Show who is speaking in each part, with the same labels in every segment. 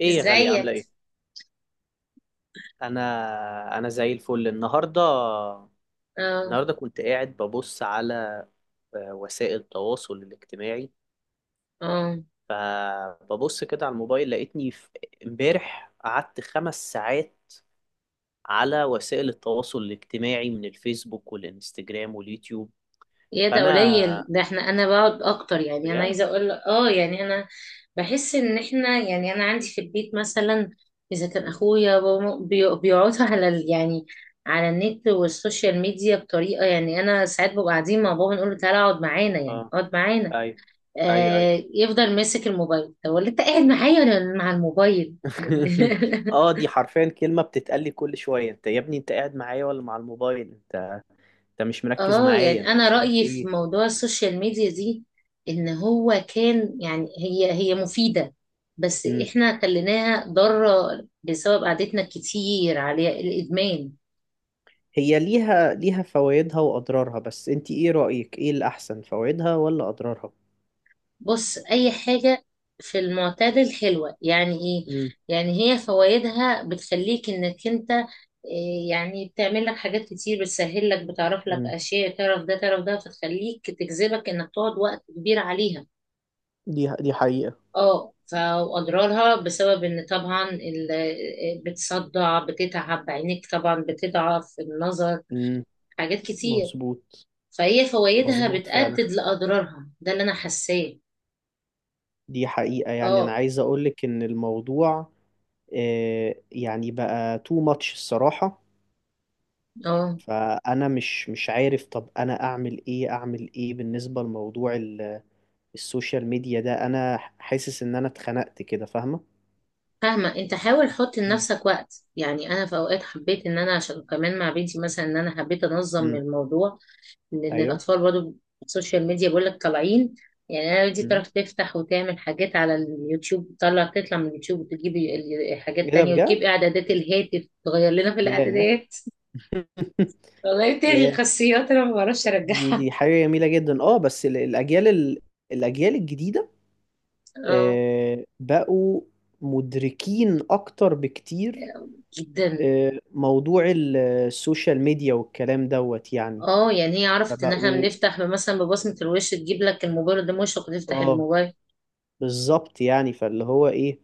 Speaker 1: ايه يا غالية، عاملة
Speaker 2: ازيك؟
Speaker 1: ايه؟ انا زي الفل. النهاردة
Speaker 2: اه
Speaker 1: النهاردة كنت قاعد ببص على وسائل التواصل الاجتماعي.
Speaker 2: اه
Speaker 1: فببص كده على الموبايل، لقيتني امبارح قعدت 5 ساعات على وسائل التواصل الاجتماعي، من الفيسبوك والانستجرام واليوتيوب.
Speaker 2: يا ده
Speaker 1: فانا
Speaker 2: قليل، ده انا بقعد اكتر. يعني انا
Speaker 1: بجد.
Speaker 2: عايزه اقول لك، يعني انا بحس ان احنا يعني انا عندي في البيت مثلا، اذا كان
Speaker 1: مم.
Speaker 2: اخويا بابا بيقعدوا على على النت والسوشيال ميديا بطريقه، يعني انا ساعات ببقى قاعدين مع بابا نقول له تعالى اقعد معانا، يعني
Speaker 1: اه،
Speaker 2: اقعد معانا.
Speaker 1: ايوه ايوه ايوه.
Speaker 2: آه، يفضل ماسك الموبايل. طب ولا انت قاعد معايا ولا مع الموبايل؟
Speaker 1: اه، دي حرفيا كلمة بتتقال لي كل شوية: انت يا ابني، انت قاعد معايا ولا مع الموبايل؟ انت مش مركز
Speaker 2: اه
Speaker 1: معايا،
Speaker 2: يعني
Speaker 1: انت
Speaker 2: انا
Speaker 1: مش عارف
Speaker 2: رأيي في
Speaker 1: ايه.
Speaker 2: موضوع السوشيال ميديا دي ان هو كان، يعني هي مفيدة، بس
Speaker 1: امم.
Speaker 2: احنا خليناها ضارة بسبب قعدتنا كتير عليها، الادمان.
Speaker 1: هي ليها فوائدها واضرارها، بس انت ايه رأيك، ايه الاحسن، فوائدها ولا اضرارها؟
Speaker 2: بص، اي حاجة في المعتدل حلوة. يعني ايه؟
Speaker 1: امم
Speaker 2: يعني هي فوائدها بتخليك انك انت إيه، يعني بتعمل لك حاجات كتير، بتسهل لك، بتعرف لك
Speaker 1: امم.
Speaker 2: اشياء، تعرف ده تعرف ده، فتخليك تجذبك انك تقعد وقت كبير عليها.
Speaker 1: دي حقيقة.
Speaker 2: اه فاضرارها بسبب ان طبعا بتصدع، بتتعب عينيك، طبعا بتضعف النظر،
Speaker 1: امم.
Speaker 2: حاجات كتير.
Speaker 1: مظبوط.
Speaker 2: فهي فوائدها
Speaker 1: مظبوط فعلا.
Speaker 2: بتأدد لأضرارها، ده اللي انا حاساه.
Speaker 1: دي حقيقة. يعني انا
Speaker 2: اه
Speaker 1: عايز اقولك ان الموضوع يعني بقى تو ماتش الصراحة.
Speaker 2: اه
Speaker 1: فانا مش عارف، طب انا اعمل ايه؟ اعمل ايه بالنسبة لموضوع السوشيال ميديا ده؟ انا حاسس ان انا اتخنقت كده، فاهمة؟
Speaker 2: فاهمة، انت حاول حط
Speaker 1: امم
Speaker 2: لنفسك وقت. يعني انا في اوقات حبيت ان انا عشان كمان مع بنتي مثلا، ان انا حبيت انظم
Speaker 1: امم.
Speaker 2: الموضوع، لان
Speaker 1: ايوه.
Speaker 2: الاطفال برضو السوشيال ميديا بيقول لك طالعين. يعني انا دي
Speaker 1: مم.
Speaker 2: تعرف تفتح وتعمل حاجات على اليوتيوب، تطلع من اليوتيوب وتجيب
Speaker 1: ايه
Speaker 2: حاجات
Speaker 1: ده
Speaker 2: تانية، وتجيب
Speaker 1: بجد!
Speaker 2: اعدادات الهاتف تغير لنا في
Speaker 1: ياه.
Speaker 2: الاعدادات. والله تلغي
Speaker 1: ياه.
Speaker 2: خاصيات انا ما بعرفش
Speaker 1: دي
Speaker 2: ارجعها.
Speaker 1: دي حاجة جميلة جدا. اه، بس الأجيال الأجيال الجديدة
Speaker 2: اه،
Speaker 1: بقوا مدركين أكتر بكتير.
Speaker 2: جدا.
Speaker 1: موضوع السوشيال ميديا والكلام دوت يعني.
Speaker 2: اه، يعني هي عرفت ان احنا
Speaker 1: فبقوا.
Speaker 2: بنفتح مثلا ببصمة الوش، تجيب لك الموبايل ده مشرق وتفتح
Speaker 1: اه
Speaker 2: الموبايل.
Speaker 1: بالظبط، يعني فاللي هو ايه،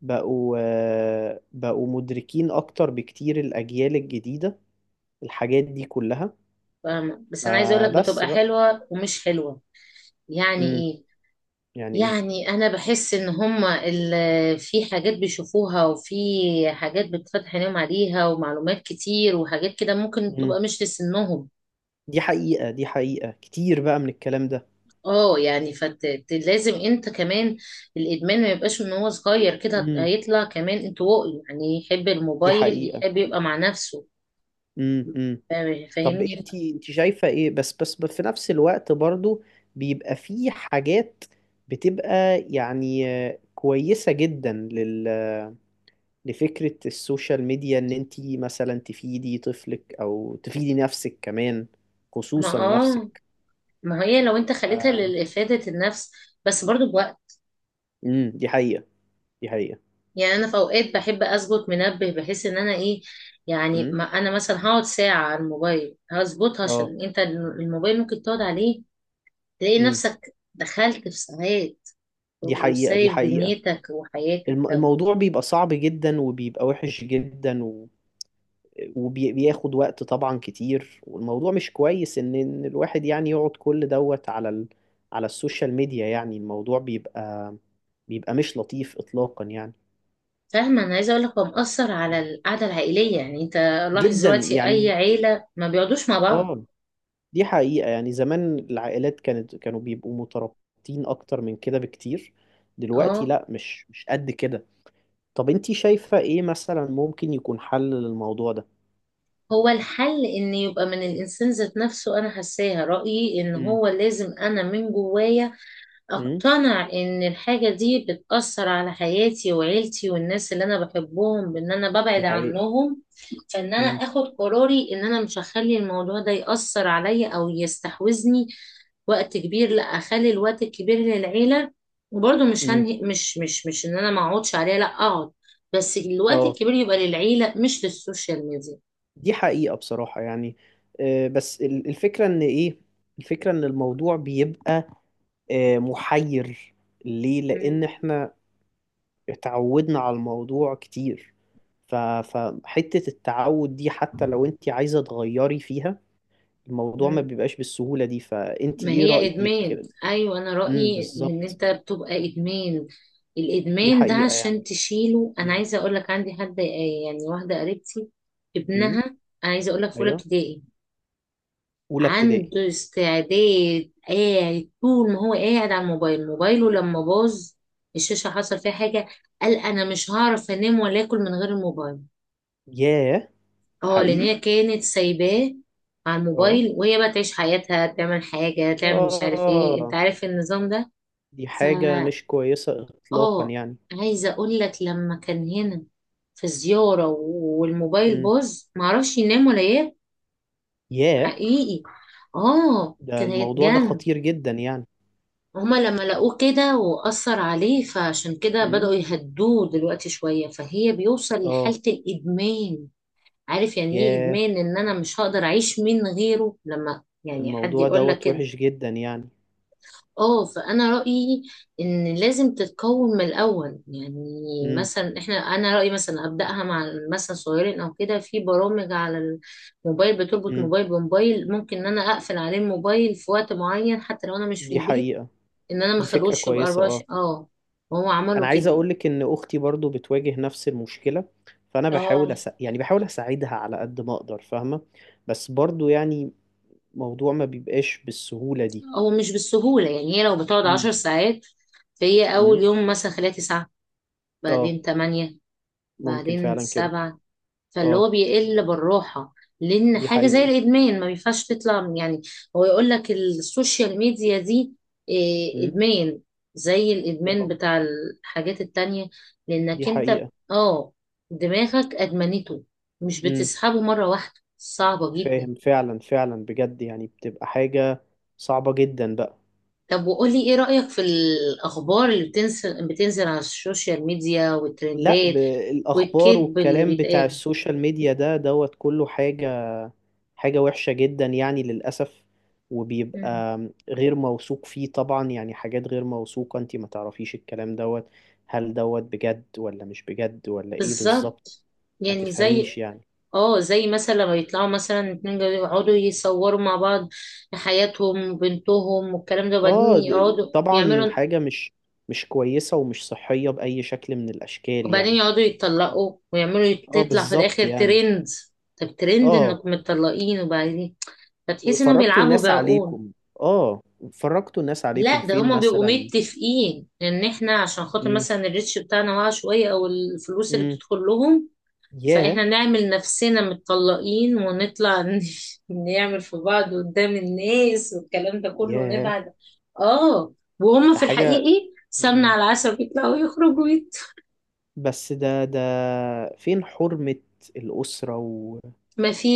Speaker 1: بقوا مدركين أكتر بكتير، الأجيال الجديدة، الحاجات دي كلها.
Speaker 2: فاهمة، بس انا عايزه اقول لك
Speaker 1: فبس
Speaker 2: بتبقى
Speaker 1: بقى.
Speaker 2: حلوة ومش حلوة. يعني
Speaker 1: امم.
Speaker 2: ايه؟
Speaker 1: يعني
Speaker 2: يعني انا بحس ان هما في حاجات بيشوفوها، وفي حاجات بتفتح عينيهم عليها، ومعلومات كتير، وحاجات كده ممكن
Speaker 1: ايه.
Speaker 2: تبقى مش لسنهم.
Speaker 1: دي حقيقة، دي حقيقة. كتير بقى من الكلام ده.
Speaker 2: اه، يعني فلازم انت كمان الادمان ما يبقاش من هو صغير كده،
Speaker 1: امم.
Speaker 2: هيطلع كمان انطوائي، يعني يحب
Speaker 1: دي
Speaker 2: الموبايل
Speaker 1: حقيقة.
Speaker 2: يحب يبقى مع نفسه.
Speaker 1: امم.
Speaker 2: فاهم-
Speaker 1: طب
Speaker 2: فاهمني
Speaker 1: انت شايفة ايه؟ بس في نفس الوقت برضو بيبقى في حاجات بتبقى يعني كويسة جدا لفكرة السوشيال ميديا، ان انت مثلا تفيدي طفلك او تفيدي نفسك كمان،
Speaker 2: ما
Speaker 1: خصوصا
Speaker 2: اه
Speaker 1: نفسك.
Speaker 2: ما هي لو انت خليتها
Speaker 1: آه.
Speaker 2: لافاده النفس بس برضو بوقت.
Speaker 1: امم، دي حقيقة. دي حقيقة.
Speaker 2: يعني انا في اوقات بحب اظبط منبه بحيث ان انا ايه، يعني
Speaker 1: امم.
Speaker 2: ما انا مثلا هقعد ساعة على الموبايل هظبطها،
Speaker 1: اه.
Speaker 2: عشان انت الموبايل ممكن تقعد عليه تلاقي
Speaker 1: امم.
Speaker 2: نفسك دخلت في ساعات
Speaker 1: دي حقيقة. دي
Speaker 2: وسايب
Speaker 1: حقيقة.
Speaker 2: دنيتك وحياتك. طب
Speaker 1: الموضوع بيبقى صعب جدا، وبيبقى وحش جدا وبياخد وقت طبعا كتير، والموضوع مش كويس إن الواحد يعني يقعد كل دوت على على السوشيال ميديا. يعني الموضوع بيبقى مش لطيف اطلاقا يعني.
Speaker 2: فاهمة، انا عايزة اقول لك هو مأثر على
Speaker 1: مم.
Speaker 2: القعدة العائلية. يعني انت لاحظ
Speaker 1: جدا
Speaker 2: دلوقتي اي
Speaker 1: يعني.
Speaker 2: عيلة ما بيقعدوش مع بعض.
Speaker 1: اه دي حقيقة. يعني زمان العائلات كانوا بيبقوا مترابطين اكتر من كده بكتير، دلوقتي
Speaker 2: اه،
Speaker 1: لا، مش قد كده. طب انتي شايفة ايه مثلا ممكن يكون حل للموضوع ده؟
Speaker 2: هو الحل ان يبقى من الانسان ذات نفسه، انا حاساها رأيي ان
Speaker 1: مم.
Speaker 2: هو لازم انا من جوايا
Speaker 1: امم،
Speaker 2: اقتنع ان الحاجة دي بتأثر على حياتي وعيلتي والناس اللي انا بحبهم، بان انا
Speaker 1: دي
Speaker 2: ببعد
Speaker 1: حقيقة.
Speaker 2: عنهم. فان انا
Speaker 1: امم
Speaker 2: اخد قراري ان انا مش هخلي الموضوع ده يأثر عليا او يستحوذني وقت كبير، لا اخلي الوقت الكبير للعيلة. وبرضه مش
Speaker 1: امم.
Speaker 2: هنهي، مش ان انا ما اقعدش عليها، لا اقعد، بس الوقت
Speaker 1: اه
Speaker 2: الكبير يبقى للعيلة مش للسوشيال ميديا.
Speaker 1: دي حقيقة، بصراحة يعني بس الفكرة ان ايه، الفكرة ان الموضوع بيبقى محير، ليه؟
Speaker 2: مم.
Speaker 1: لان احنا اتعودنا على الموضوع كتير. فحتة التعود دي، حتى لو انت عايزة تغيري فيها، الموضوع ما
Speaker 2: مم.
Speaker 1: بيبقاش بالسهولة دي. فانت
Speaker 2: ما
Speaker 1: ايه
Speaker 2: هي ادمان.
Speaker 1: رأيك؟
Speaker 2: ايوه، انا
Speaker 1: امم،
Speaker 2: رايي ان
Speaker 1: بالظبط.
Speaker 2: انت بتبقى ادمان.
Speaker 1: دي
Speaker 2: الادمان ده
Speaker 1: حقيقة
Speaker 2: عشان
Speaker 1: يعني.
Speaker 2: تشيله، انا
Speaker 1: امم
Speaker 2: عايزه اقول لك عندي حد، يعني واحده قريبتي،
Speaker 1: امم.
Speaker 2: ابنها، انا عايزه اقول لك في اولى
Speaker 1: ايوه.
Speaker 2: ابتدائي،
Speaker 1: اولى ابتدائي.
Speaker 2: عنده استعداد قاعد طول ما هو قاعد على الموبايل. موبايله لما باظ، الشاشه حصل فيها حاجه، قال انا مش هعرف انام ولا اكل من غير الموبايل.
Speaker 1: ياه.
Speaker 2: اه، لان
Speaker 1: حقيقي.
Speaker 2: هي كانت سايباه على
Speaker 1: اه.
Speaker 2: الموبايل وهي بقى تعيش حياتها، تعمل حاجه تعمل مش عارف ايه، انت
Speaker 1: اه،
Speaker 2: عارف النظام ده.
Speaker 1: دي
Speaker 2: ف
Speaker 1: حاجة مش كويسة إطلاقا
Speaker 2: اه
Speaker 1: يعني.
Speaker 2: عايزه اقول لك لما كان هنا في زياره والموبايل
Speaker 1: امم.
Speaker 2: باظ، معرفش ينام ولا ياكل.
Speaker 1: ياه.
Speaker 2: حقيقي، اه
Speaker 1: ده
Speaker 2: كان
Speaker 1: الموضوع ده
Speaker 2: هيتجنن.
Speaker 1: خطير جدا يعني.
Speaker 2: هما لما لقوه كده وأثر عليه فعشان كده بدأوا
Speaker 1: امم.
Speaker 2: يهدوه دلوقتي شوية، فهي بيوصل
Speaker 1: اه.
Speaker 2: لحالة الإدمان. عارف يعني إيه
Speaker 1: ياه.
Speaker 2: إدمان؟ إن أنا مش هقدر أعيش من غيره، لما يعني حد
Speaker 1: الموضوع
Speaker 2: يقول لك
Speaker 1: دوت
Speaker 2: كده.
Speaker 1: وحش جدا يعني.
Speaker 2: اه، فانا رايي ان لازم تتكون من الاول. يعني
Speaker 1: امم
Speaker 2: مثلا احنا انا رايي مثلا ابداها مع مثلا صغيرين او كده، في برامج على الموبايل بتربط
Speaker 1: امم،
Speaker 2: موبايل بموبايل، ممكن ان انا اقفل عليه الموبايل في وقت معين حتى لو انا مش في
Speaker 1: دي
Speaker 2: البيت،
Speaker 1: حقيقة.
Speaker 2: ان انا ما
Speaker 1: دي فكرة
Speaker 2: اخلوش يبقى
Speaker 1: كويسة، اه.
Speaker 2: 24. اه، هو
Speaker 1: أنا
Speaker 2: عملوا
Speaker 1: عايز
Speaker 2: كده.
Speaker 1: أقولك إن أختي برضو بتواجه نفس المشكلة، فأنا بحاول
Speaker 2: اه،
Speaker 1: يعني بحاول أساعدها على قد ما أقدر، فاهمة؟ بس برضو يعني موضوع ما بيبقاش بالسهولة دي.
Speaker 2: هو مش بالسهوله، يعني هي لو بتقعد
Speaker 1: امم
Speaker 2: 10 ساعات فهي اول
Speaker 1: امم.
Speaker 2: يوم مثلا خليها 9،
Speaker 1: اه.
Speaker 2: بعدين 8،
Speaker 1: ممكن
Speaker 2: بعدين
Speaker 1: فعلا كده.
Speaker 2: 7، فاللي هو
Speaker 1: اه،
Speaker 2: بيقل بالراحة. لأن
Speaker 1: دي
Speaker 2: حاجة زي
Speaker 1: حقيقة.
Speaker 2: الإدمان ما ينفعش تطلع يعني، هو يقول لك السوشيال ميديا دي إيه،
Speaker 1: امم.
Speaker 2: إدمان زي الإدمان
Speaker 1: اه،
Speaker 2: بتاع الحاجات التانية،
Speaker 1: دي
Speaker 2: لأنك أنت
Speaker 1: حقيقة.
Speaker 2: دماغك أدمنته، مش
Speaker 1: امم.
Speaker 2: بتسحبه مرة واحدة، صعبة جدا.
Speaker 1: فاهم، فعلا فعلا، بجد يعني، بتبقى حاجة صعبة جدا بقى.
Speaker 2: طب وقولي إيه رأيك في الأخبار اللي بتنزل على السوشيال ميديا
Speaker 1: لا
Speaker 2: والترندات
Speaker 1: الأخبار
Speaker 2: والكذب اللي
Speaker 1: والكلام بتاع
Speaker 2: بيتقال؟
Speaker 1: السوشيال ميديا ده دوت كله حاجة وحشة جدا يعني للأسف،
Speaker 2: مم.
Speaker 1: وبيبقى غير موثوق فيه طبعا، يعني حاجات غير موثوقة. انتي ما تعرفيش الكلام دوت، هل دوت بجد ولا مش بجد ولا ايه بالظبط.
Speaker 2: بالظبط.
Speaker 1: ما
Speaker 2: يعني زي،
Speaker 1: تفهميش يعني.
Speaker 2: اه، زي مثلا لما يطلعوا مثلا اتنين يقعدوا يصوروا مع بعض حياتهم وبنتهم والكلام ده، وبعدين
Speaker 1: اه
Speaker 2: يقعدوا
Speaker 1: طبعا،
Speaker 2: يعملوا،
Speaker 1: حاجة مش كويسة ومش صحية بأي شكل من الأشكال
Speaker 2: وبعدين
Speaker 1: يعني.
Speaker 2: يقعدوا يتطلقوا ويعملوا
Speaker 1: اه
Speaker 2: تطلع في
Speaker 1: بالظبط
Speaker 2: الاخر
Speaker 1: يعني.
Speaker 2: ترند. طب ترند
Speaker 1: اه،
Speaker 2: انكم متطلقين؟ وبعدين فتحس انهم
Speaker 1: فرجتوا
Speaker 2: بيلعبوا
Speaker 1: الناس
Speaker 2: بعقول.
Speaker 1: عليكم. اه. فرجتوا الناس عليكم
Speaker 2: لا، ده
Speaker 1: فين
Speaker 2: هما بيبقوا
Speaker 1: مثلا؟
Speaker 2: متفقين ان احنا عشان خاطر
Speaker 1: امم
Speaker 2: مثلا الريتش بتاعنا واقع شوية او الفلوس اللي
Speaker 1: امم.
Speaker 2: بتدخل لهم،
Speaker 1: ياه.
Speaker 2: فاحنا نعمل نفسنا متطلقين ونطلع نعمل في بعض قدام الناس والكلام ده كله
Speaker 1: ياه.
Speaker 2: ونبعد. اه، وهم
Speaker 1: ده
Speaker 2: في
Speaker 1: حاجة.
Speaker 2: الحقيقي سمنة
Speaker 1: مم.
Speaker 2: على العسل، بيطلعوا يخرجوا ويت
Speaker 1: بس ده فين حرمة الأسرة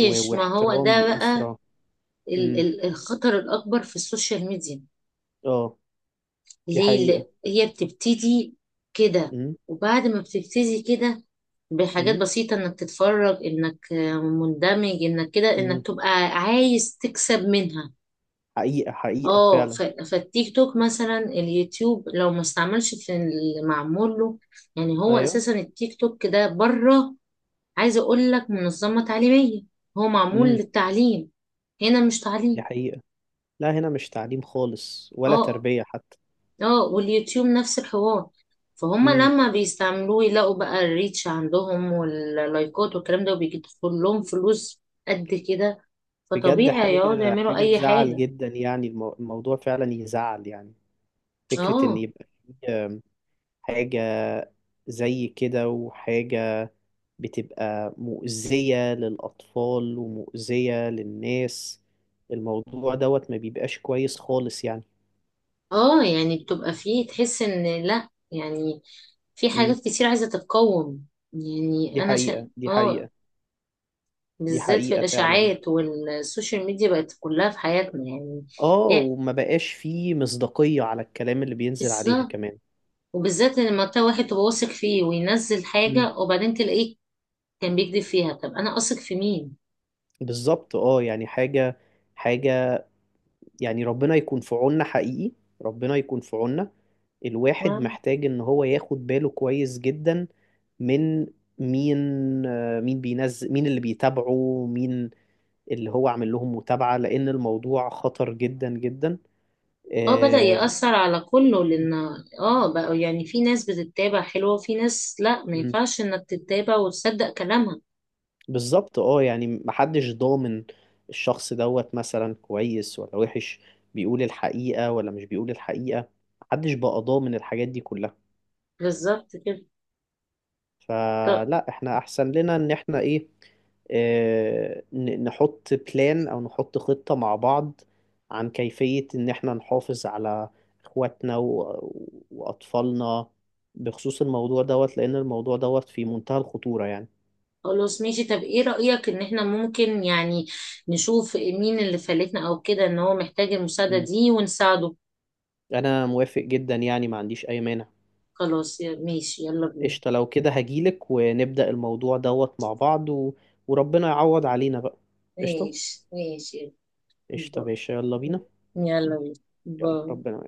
Speaker 2: ما هو
Speaker 1: واحترام
Speaker 2: ده بقى
Speaker 1: الأسرة. امم.
Speaker 2: الخطر الأكبر في السوشيال ميديا.
Speaker 1: اه دي
Speaker 2: ليه؟
Speaker 1: حقيقة.
Speaker 2: هي بتبتدي كده،
Speaker 1: امم
Speaker 2: وبعد ما بتبتدي كده بحاجات
Speaker 1: امم
Speaker 2: بسيطة، انك تتفرج، انك مندمج، انك كده
Speaker 1: امم.
Speaker 2: انك تبقى عايز تكسب منها.
Speaker 1: حقيقة حقيقة
Speaker 2: اه،
Speaker 1: فعلا.
Speaker 2: فالتيك توك مثلا، اليوتيوب، لو ما استعملش في اللي معمول له، يعني هو
Speaker 1: ايوه.
Speaker 2: اساسا التيك توك ده بره، عايزه اقول لك، منظمه تعليميه، هو معمول
Speaker 1: امم،
Speaker 2: للتعليم. هنا مش
Speaker 1: دي
Speaker 2: تعليم.
Speaker 1: حقيقة. لا، هنا مش تعليم خالص ولا
Speaker 2: اه
Speaker 1: تربية حتى.
Speaker 2: اه، واليوتيوب نفس الحوار. فهم
Speaker 1: مم.
Speaker 2: لما بيستعملوه يلاقوا بقى الريتش عندهم واللايكات والكلام ده وبيدخل لهم فلوس قد كده،
Speaker 1: بجد،
Speaker 2: فطبيعي يقعدوا
Speaker 1: حاجة
Speaker 2: يعملوا
Speaker 1: حاجة
Speaker 2: اي
Speaker 1: تزعل
Speaker 2: حاجه.
Speaker 1: جدا يعني. الموضوع فعلا يزعل يعني. فكرة إن
Speaker 2: اه،
Speaker 1: يبقى في حاجة زي كده، وحاجة بتبقى مؤذية للأطفال ومؤذية للناس. الموضوع دوت ما بيبقاش كويس خالص يعني.
Speaker 2: اه يعني بتبقى فيه، تحس ان لا يعني في
Speaker 1: مم.
Speaker 2: حاجات كتير عايزة تتقوم. يعني
Speaker 1: دي
Speaker 2: أنا
Speaker 1: حقيقة،
Speaker 2: شا...
Speaker 1: دي
Speaker 2: آه
Speaker 1: حقيقة. دي
Speaker 2: بالذات في
Speaker 1: حقيقة فعلا.
Speaker 2: الإشاعات، والسوشيال ميديا بقت كلها في حياتنا يعني.
Speaker 1: آه،
Speaker 2: إيه،
Speaker 1: وما بقاش فيه مصداقية على الكلام اللي بينزل عليها
Speaker 2: بالظبط.
Speaker 1: كمان.
Speaker 2: وبالذات لما تلاقي واحد تبقى واثق فيه وينزل
Speaker 1: مم.
Speaker 2: حاجة وبعدين تلاقيه كان بيكذب فيها، طب أنا أثق في مين؟
Speaker 1: بالظبط. يعني حاجة يعني ربنا يكون في عوننا حقيقي. ربنا يكون في عوننا. الواحد
Speaker 2: مم.
Speaker 1: محتاج ان هو ياخد باله كويس جدا من مين. مين بينزل، مين اللي بيتابعه، مين اللي هو عامل لهم متابعة، لان الموضوع خطر جدا جدا.
Speaker 2: اه، بدأ
Speaker 1: آه.
Speaker 2: يأثر على كله.
Speaker 1: مم.
Speaker 2: لأن اه، بقى يعني في ناس بتتابع حلوة وفي ناس لا، ما
Speaker 1: مم.
Speaker 2: ينفعش إنك تتابع وتصدق كلامها.
Speaker 1: بالظبط. اه يعني محدش ضامن الشخص دوت مثلا كويس ولا وحش، بيقول الحقيقة ولا مش بيقول الحقيقة. محدش بقى ضامن الحاجات دي كلها.
Speaker 2: بالظبط كده.
Speaker 1: فلا، احنا احسن لنا ان احنا ايه، نحط بلان او نحط خطة مع بعض، عن كيفية ان احنا نحافظ على اخواتنا واطفالنا، بخصوص الموضوع دوت، لان الموضوع دوت في منتهى الخطورة يعني.
Speaker 2: خلاص ماشي. طب ايه رأيك ان احنا ممكن يعني نشوف مين اللي فلتنا او كده ان هو محتاج المساعدة
Speaker 1: مم.
Speaker 2: دي ونساعده؟
Speaker 1: انا موافق جدا يعني، ما عنديش اي مانع.
Speaker 2: خلاص، ماشي، يلا بينا.
Speaker 1: قشطة، لو كده هجيلك ونبدأ الموضوع دوت مع بعض وربنا يعوض علينا بقى. قشطة.
Speaker 2: ماشي ماشي.
Speaker 1: قشطة يا
Speaker 2: يلا
Speaker 1: باشا، يلا
Speaker 2: بينا.
Speaker 1: بينا.
Speaker 2: باي. يلا بينا.
Speaker 1: يلا
Speaker 2: باي.
Speaker 1: ربنا.